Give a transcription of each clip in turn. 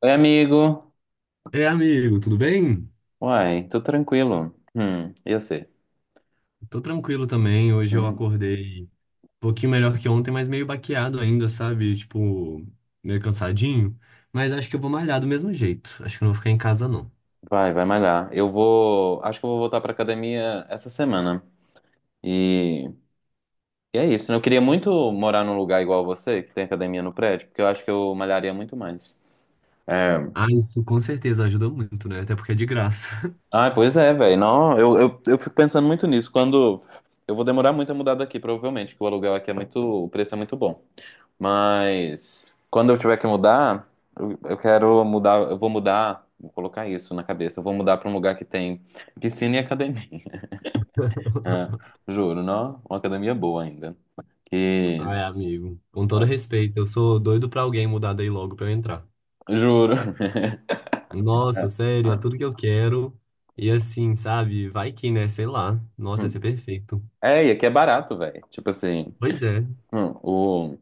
Oi, amigo. É, amigo, tudo bem? Uai, tô tranquilo. E você? Tô tranquilo também. Hoje eu Hum, acordei um pouquinho melhor que ontem, mas meio baqueado ainda, sabe? Tipo, meio cansadinho. Mas acho que eu vou malhar do mesmo jeito. Acho que eu não vou ficar em casa, não. Vai, vai malhar. Eu vou. Acho que eu vou voltar pra academia essa semana. E, e é isso, né? Eu queria muito morar num lugar igual você, que tem academia no prédio, porque eu acho que eu malharia muito mais. É. Ah, isso com certeza ajuda muito, né? Até porque é de graça. Ah, pois é, velho. Não, eu fico pensando muito nisso. Quando. Eu vou demorar muito a mudar daqui, provavelmente, porque o aluguel aqui é muito. O preço é muito bom. Mas quando eu tiver que mudar, eu quero mudar, eu vou mudar, vou colocar isso na cabeça. Eu vou mudar para um lugar que tem piscina e academia. É, juro, não? Uma academia boa ainda. Que Ai, amigo, com todo ah, respeito, eu sou doido pra alguém mudar daí logo pra eu entrar. juro. É, Nossa, sério, é tudo que eu quero. E assim, sabe? Vai que, né? Sei lá. Nossa, ia ser perfeito. é, e aqui é barato, velho. Tipo assim, Pois é. hum, o,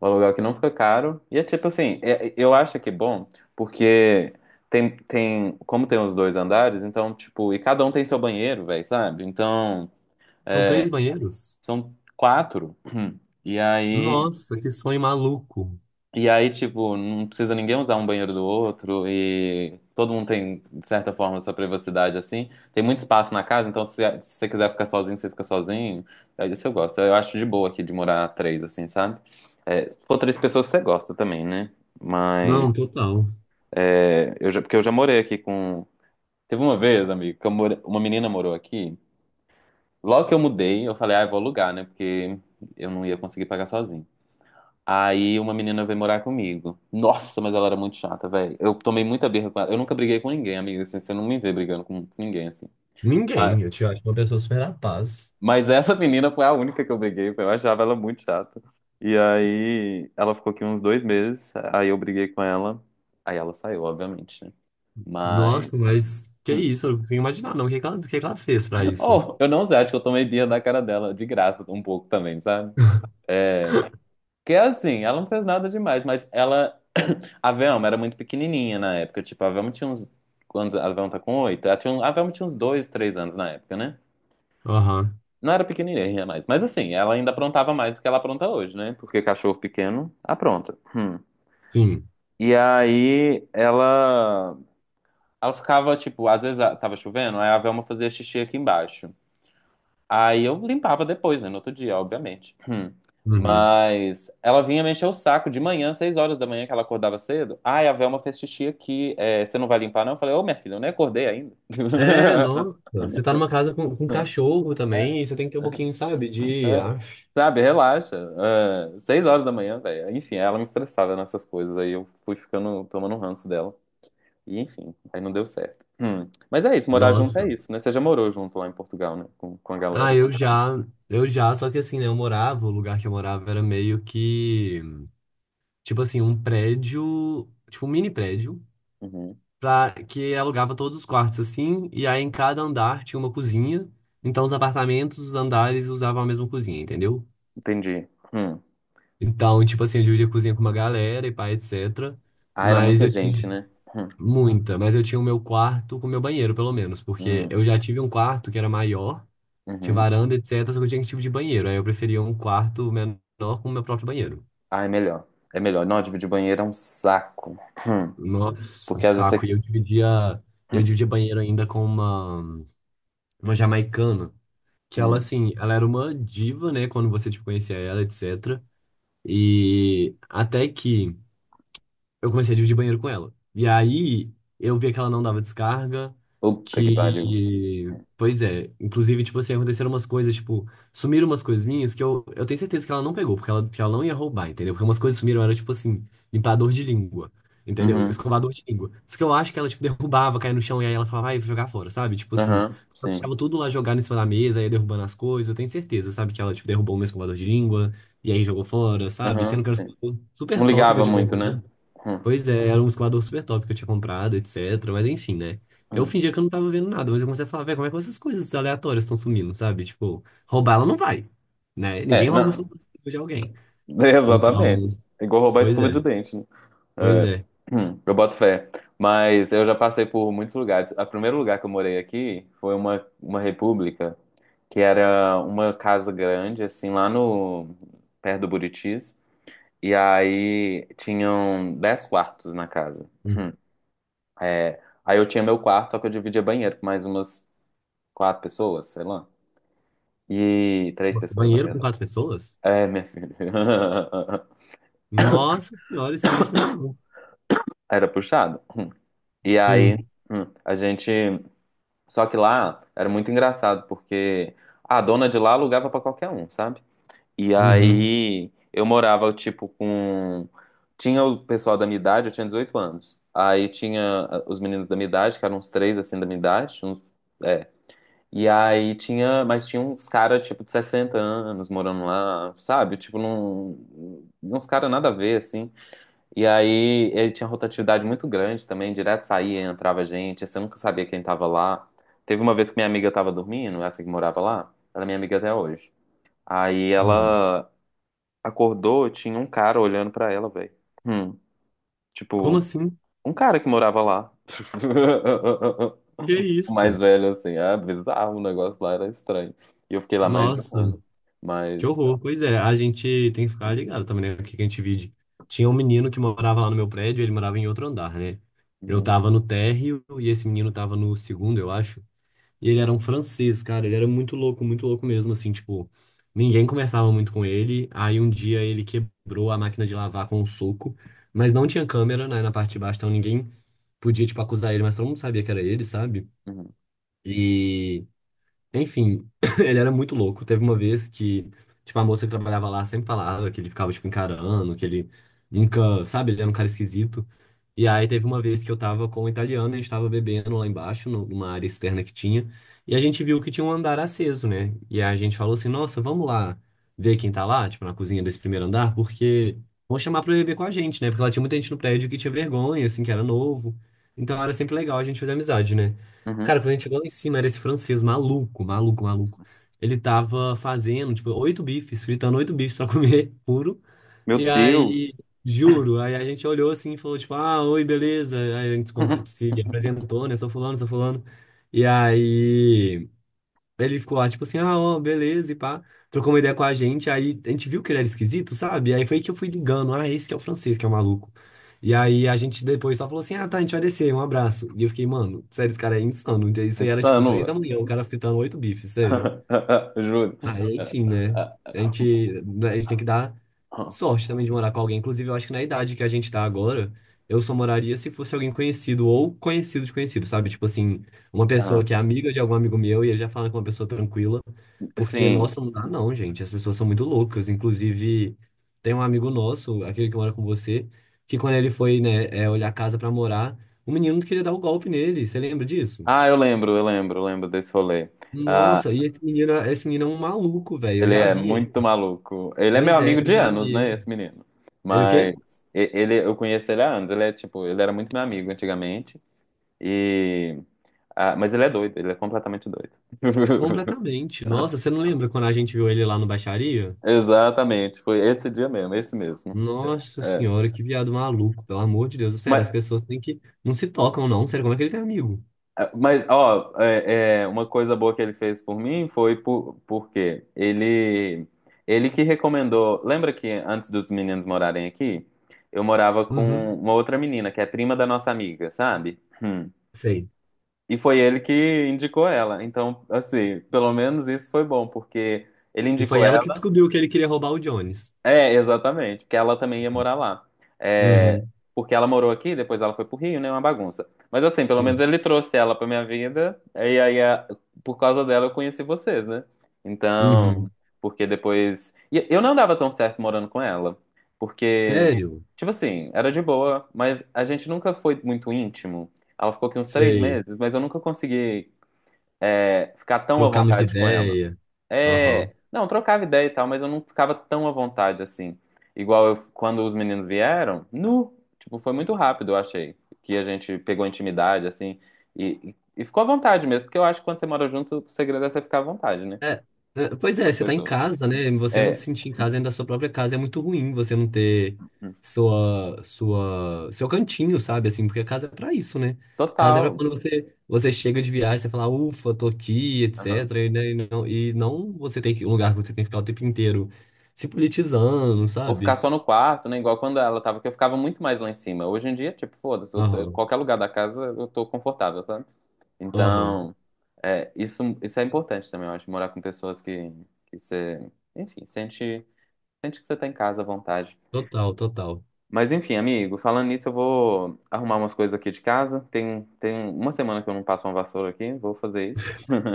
o aluguel aqui não fica caro. E é tipo assim, eu acho que é bom, porque como tem os dois andares, então, tipo, e cada um tem seu banheiro, velho, sabe? Então, São três banheiros? são quatro. E aí, Nossa, que sonho maluco. e aí, tipo, não precisa ninguém usar um banheiro do outro e todo mundo tem, de certa forma, sua privacidade, assim. Tem muito espaço na casa, então se você quiser ficar sozinho, você fica sozinho. É isso eu gosto. Eu acho de boa aqui de morar três, assim, sabe? É, se for três pessoas, você gosta também, né? Mas, Não, total. é, eu já, porque eu já morei aqui com... Teve uma vez, amigo, que uma menina morou aqui. Logo que eu mudei, eu falei, ah, eu vou alugar, né? Porque eu não ia conseguir pagar sozinho. Aí uma menina veio morar comigo. Nossa, mas ela era muito chata, velho. Eu tomei muita birra com ela. Eu nunca briguei com ninguém, amiga. Assim, você não me vê brigando com ninguém, assim. Mas, Ninguém. Eu te acho uma pessoa super da paz. mas essa menina foi a única que eu briguei. Eu achava ela muito chata. E aí ela ficou aqui uns 2 meses. Aí eu briguei com ela. Aí ela saiu, obviamente, né? Mas. Nossa, mas que Hum. isso? Eu não consigo imaginar, não. O que que ela fez pra isso? Oh, eu não sei, acho que eu tomei birra da cara dela, de graça, um pouco também, sabe? É, que é assim, ela não fez nada demais, mas ela. A Velma era muito pequenininha na época. Tipo, a Velma tinha uns. Quando a Velma tá com 8, ela tinha a Velma tinha uns 2, 3 anos na época, né? Aham. Não era pequenininha mais. Mas assim, ela ainda aprontava mais do que ela apronta hoje, né? Porque cachorro pequeno apronta. Hum. Sim. E aí ela. Ela ficava, tipo, às vezes tava chovendo, aí a Velma fazia xixi aqui embaixo. Aí eu limpava depois, né? No outro dia, obviamente. Hum. Uhum. Mas ela vinha mexer o saco de manhã, 6 horas da manhã, que ela acordava cedo. Ai, a Velma fez xixi aqui. É, você não vai limpar, não? Eu falei, ô, minha filha, eu nem acordei ainda. É, nossa. Você tá numa casa com cachorro É, também, e você tem que ter um pouquinho, sabe, de. É. Sabe, relaxa. É, 6 horas da manhã, velho. Enfim, ela me estressava nessas coisas. Aí eu fui ficando, tomando um ranço dela. E enfim, aí não deu certo. Hum. Mas é isso, morar junto é Nossa. isso, né? Você já morou junto lá em Portugal, né? Com a Ah, galera, eu você sabe. já. Eu já, só que assim, né? Eu morava, o lugar que eu morava era meio que. Tipo assim, um prédio. Tipo, um mini prédio. Uhum. Pra, que alugava todos os quartos assim, e aí em cada andar tinha uma cozinha. Então os apartamentos, os andares usavam a mesma cozinha, entendeu? Entendi. Hum. Então, tipo assim, eu dividia a cozinha com uma galera e pá, etc. Ah, era Mas muita eu tinha gente, né? Hum, mas eu tinha o meu quarto com o meu banheiro, pelo menos, porque hum, eu já tive um quarto que era maior, tinha uhum. varanda, etc, só que eu tinha que tipo de banheiro. Aí eu preferia um quarto menor com o meu próprio banheiro. Ah, é melhor. É melhor. Não, dividir banheiro é um saco. Hum, Nossa, um Porque às vezes saco. E você. eu dividia, eu Hum, dividia banheiro ainda com uma jamaicana. Que ela, hum. assim, ela era uma diva, né? Quando você, tipo, conhecia ela, etc. E até que eu comecei a dividir banheiro com ela. E aí eu via que ela não dava descarga, Puta que pariu. que. Pois é, inclusive, tipo assim, aconteceram umas coisas, tipo, sumiram umas coisas minhas que eu tenho certeza que ela não pegou, porque ela, que ela não ia roubar, entendeu? Porque umas coisas sumiram, era tipo assim, limpador de língua, entendeu? Uhum. Escovador de língua. Só que eu acho que ela, tipo, derrubava, caía no chão, e aí ela falava, vai, vou jogar fora, sabe? Tipo assim, Aham, ela sim. deixava tudo lá jogado em cima da mesa, ia derrubando as coisas, eu tenho certeza, sabe? Que ela, tipo, derrubou o meu escovador de língua, e aí jogou fora, sabe? Sendo Aham, que era um sim. escovador super Não top que eu ligava tinha muito, né? comprado. Hum, Pois é, era um escoador super top que eu tinha comprado, etc. Mas enfim, né? Eu hum. fingia que eu não tava vendo nada, mas eu comecei a falar, velho, como é que essas coisas aleatórias estão sumindo, sabe? Tipo, roubar ela não vai, né? Ninguém É, rouba o não. celular de alguém. Então, Exatamente. É igual roubar pois escova é, de dente, né? pois é. Eu boto fé. Mas eu já passei por muitos lugares. O primeiro lugar que eu morei aqui foi uma república, que era uma casa grande, assim, lá no perto do Buritis. E aí tinham 10 quartos na casa. Um É, aí eu tinha meu quarto, só que eu dividia banheiro com mais umas quatro pessoas, sei lá. E três pessoas, na banheiro com verdade. quatro pessoas? É, minha filha. Nossa senhora, isso não existe pra mim, não. Era puxado. E aí Sim. A gente. Só que lá era muito engraçado, porque a dona de lá alugava pra qualquer um, sabe? E Uhum. aí eu morava, tipo, com. Tinha o pessoal da minha idade, eu tinha 18 anos. Aí tinha os meninos da minha idade, que eram uns três assim da minha idade. Uns... É. E aí tinha. Mas tinha uns caras, tipo, de 60 anos morando lá, sabe? Tipo, num... uns caras nada a ver, assim. E aí ele tinha rotatividade muito grande também, direto saía, entrava gente, você nunca sabia quem tava lá. Teve uma vez que minha amiga tava dormindo, essa que morava lá, ela é minha amiga até hoje. Aí Uhum. ela acordou, tinha um cara olhando pra ela, velho. Hum, Como tipo, assim? um cara que morava lá. Que O mais isso? velho, assim, ah, bizarro, o negócio lá era estranho. E eu fiquei lá mais de um Nossa. ano. Que Mas. horror. Pois é, a gente tem que ficar ligado também, né? O que que a gente vive. Tinha um menino que morava lá no meu prédio, ele morava em outro andar, né? Eu Uhum, tava no térreo e esse menino tava no segundo, eu acho. E ele era um francês, cara. Ele era muito louco mesmo, assim, tipo, ninguém conversava muito com ele. Aí um dia ele quebrou a máquina de lavar com um soco, mas não tinha câmera, né, na parte de baixo, então ninguém podia, tipo, acusar ele, mas todo mundo sabia que era ele, sabe? uhum, E enfim, ele era muito louco. Teve uma vez que, tipo, a moça que trabalhava lá sempre falava que ele ficava, tipo, encarando, que ele nunca, sabe, ele era um cara esquisito. E aí teve uma vez que eu tava com o italiano, a gente tava bebendo lá embaixo, numa área externa que tinha, e a gente viu que tinha um andar aceso, né? E aí a gente falou assim, nossa, vamos lá ver quem tá lá, tipo, na cozinha desse primeiro andar, porque vão chamar pra beber com a gente, né? Porque lá tinha muita gente no prédio que tinha vergonha, assim, que era novo. Então era sempre legal a gente fazer amizade, né? uhum. Cara, quando a gente chegou lá em cima, era esse francês maluco, maluco, maluco. Ele tava fazendo, tipo, oito bifes, fritando oito bifes pra comer puro. Meu E aí, Deus! juro, aí a gente olhou assim e falou, tipo, ah, oi, beleza. Aí a gente se apresentou, né? Sou fulano, sou fulano. E aí. Ele ficou lá, tipo assim, ah, ó, beleza, e pá. Trocou uma ideia com a gente, aí a gente viu que ele era esquisito, sabe? Aí foi que eu fui ligando, ah, esse que é o francês, que é o maluco. E aí a gente depois só falou assim, ah, tá, a gente vai descer, um abraço. E eu fiquei, mano, sério, esse cara é insano. Isso aí era tipo Insano, três da velho. manhã, o cara fritando oito bifes, sério. Juro. Aí, enfim, né? Ah, A gente, né, a gente tem que dar ah, sorte também de morar com alguém. Inclusive, eu acho que na idade que a gente tá agora, eu só moraria se fosse alguém conhecido ou conhecido de conhecido, sabe? Tipo assim, uma pessoa ah. que é amiga de algum amigo meu e ele já fala com uma pessoa tranquila. Porque, Assim, nossa, não dá não, gente. As pessoas são muito loucas. Inclusive, tem um amigo nosso, aquele que mora com você, que quando ele foi, né, olhar a casa pra morar, o menino queria dar o golpe nele. Você lembra disso? Eu lembro desse rolê. Ah, Nossa, e esse menino é um maluco, velho. Eu ele já é vi. muito maluco. Ele é meu Pois é, amigo eu de já anos, vi. né, esse menino. Ele o Mas quê? Ele, eu conheço ele há anos. Ele é tipo, ele era muito meu amigo antigamente. E mas ele é doido, ele é completamente doido. Completamente. Nossa, você não lembra quando a gente viu ele lá no Baixaria? Exatamente, foi esse dia mesmo, esse mesmo. Nossa É. senhora, que viado maluco, pelo amor de Deus. Sério, as Mas, pessoas têm que. Não se tocam, não. Sério, como é que ele tem amigo? Mas, ó, é, uma coisa boa que ele fez por mim foi por, porque ele que recomendou. Lembra que antes dos meninos morarem aqui, eu morava com Uhum. uma outra menina, que é prima da nossa amiga, sabe? Hum. Sei. E foi ele que indicou ela. Então, assim, pelo menos isso foi bom, porque ele E foi indicou ela que ela. descobriu que ele queria roubar o Jones. É, exatamente, porque ela também ia Uhum. morar lá. É, Uhum. porque ela morou aqui, depois ela foi pro Rio, né? Uma bagunça. Mas assim, pelo menos Sim. ele trouxe ela pra minha vida, e aí por causa dela eu conheci vocês, né? Uhum. Então, porque depois. E eu não dava tão certo morando com ela, porque, Sério? tipo assim, era de boa, mas a gente nunca foi muito íntimo. Ela ficou aqui uns três Sei. meses, mas eu nunca consegui, ficar tão à Trocar muita vontade com ela. ideia. Aham. É, não, trocava ideia e tal, mas eu não ficava tão à vontade assim. Igual quando os meninos vieram, tipo, foi muito rápido, eu achei, que a gente pegou intimidade, assim, e ficou à vontade mesmo, porque eu acho que quando você mora junto, o segredo é você ficar à vontade, né, É, é, pois com é, as você tá em pessoas. casa, né? Você não se É, sentir em casa dentro da sua própria casa é muito ruim. Você não ter hum, seu cantinho, sabe? Assim, porque a casa é pra isso, né? Casa é pra total. quando você chega de viagem, você fala, ufa, tô aqui, Aham. etc. E, né, e não você tem que, um lugar que você tem que ficar o tempo inteiro se politizando, Ou ficar sabe? só no quarto, né, igual quando ela tava, que eu ficava muito mais lá em cima. Hoje em dia, tipo, foda-se, Aham, qualquer lugar da casa eu tô confortável, sabe? aham. Então, isso é importante também, eu acho, morar com pessoas que você, enfim, sente que você tá em casa à vontade. Total, total. Mas enfim, amigo, falando nisso, eu vou arrumar umas coisas aqui de casa. Tem uma semana que eu não passo uma vassoura aqui, vou fazer isso.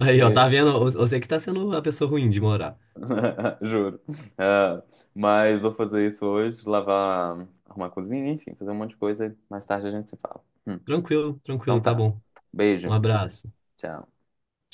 Aí, E ó, aí, tá vendo? Você que tá sendo a pessoa ruim de morar. juro. Ah, mas vou fazer isso hoje, lavar, arrumar a cozinha, enfim, fazer um monte de coisa. Mais tarde a gente se fala. Tranquilo, Então tranquilo, tá tá. bom. Um Beijo. abraço. Tchau.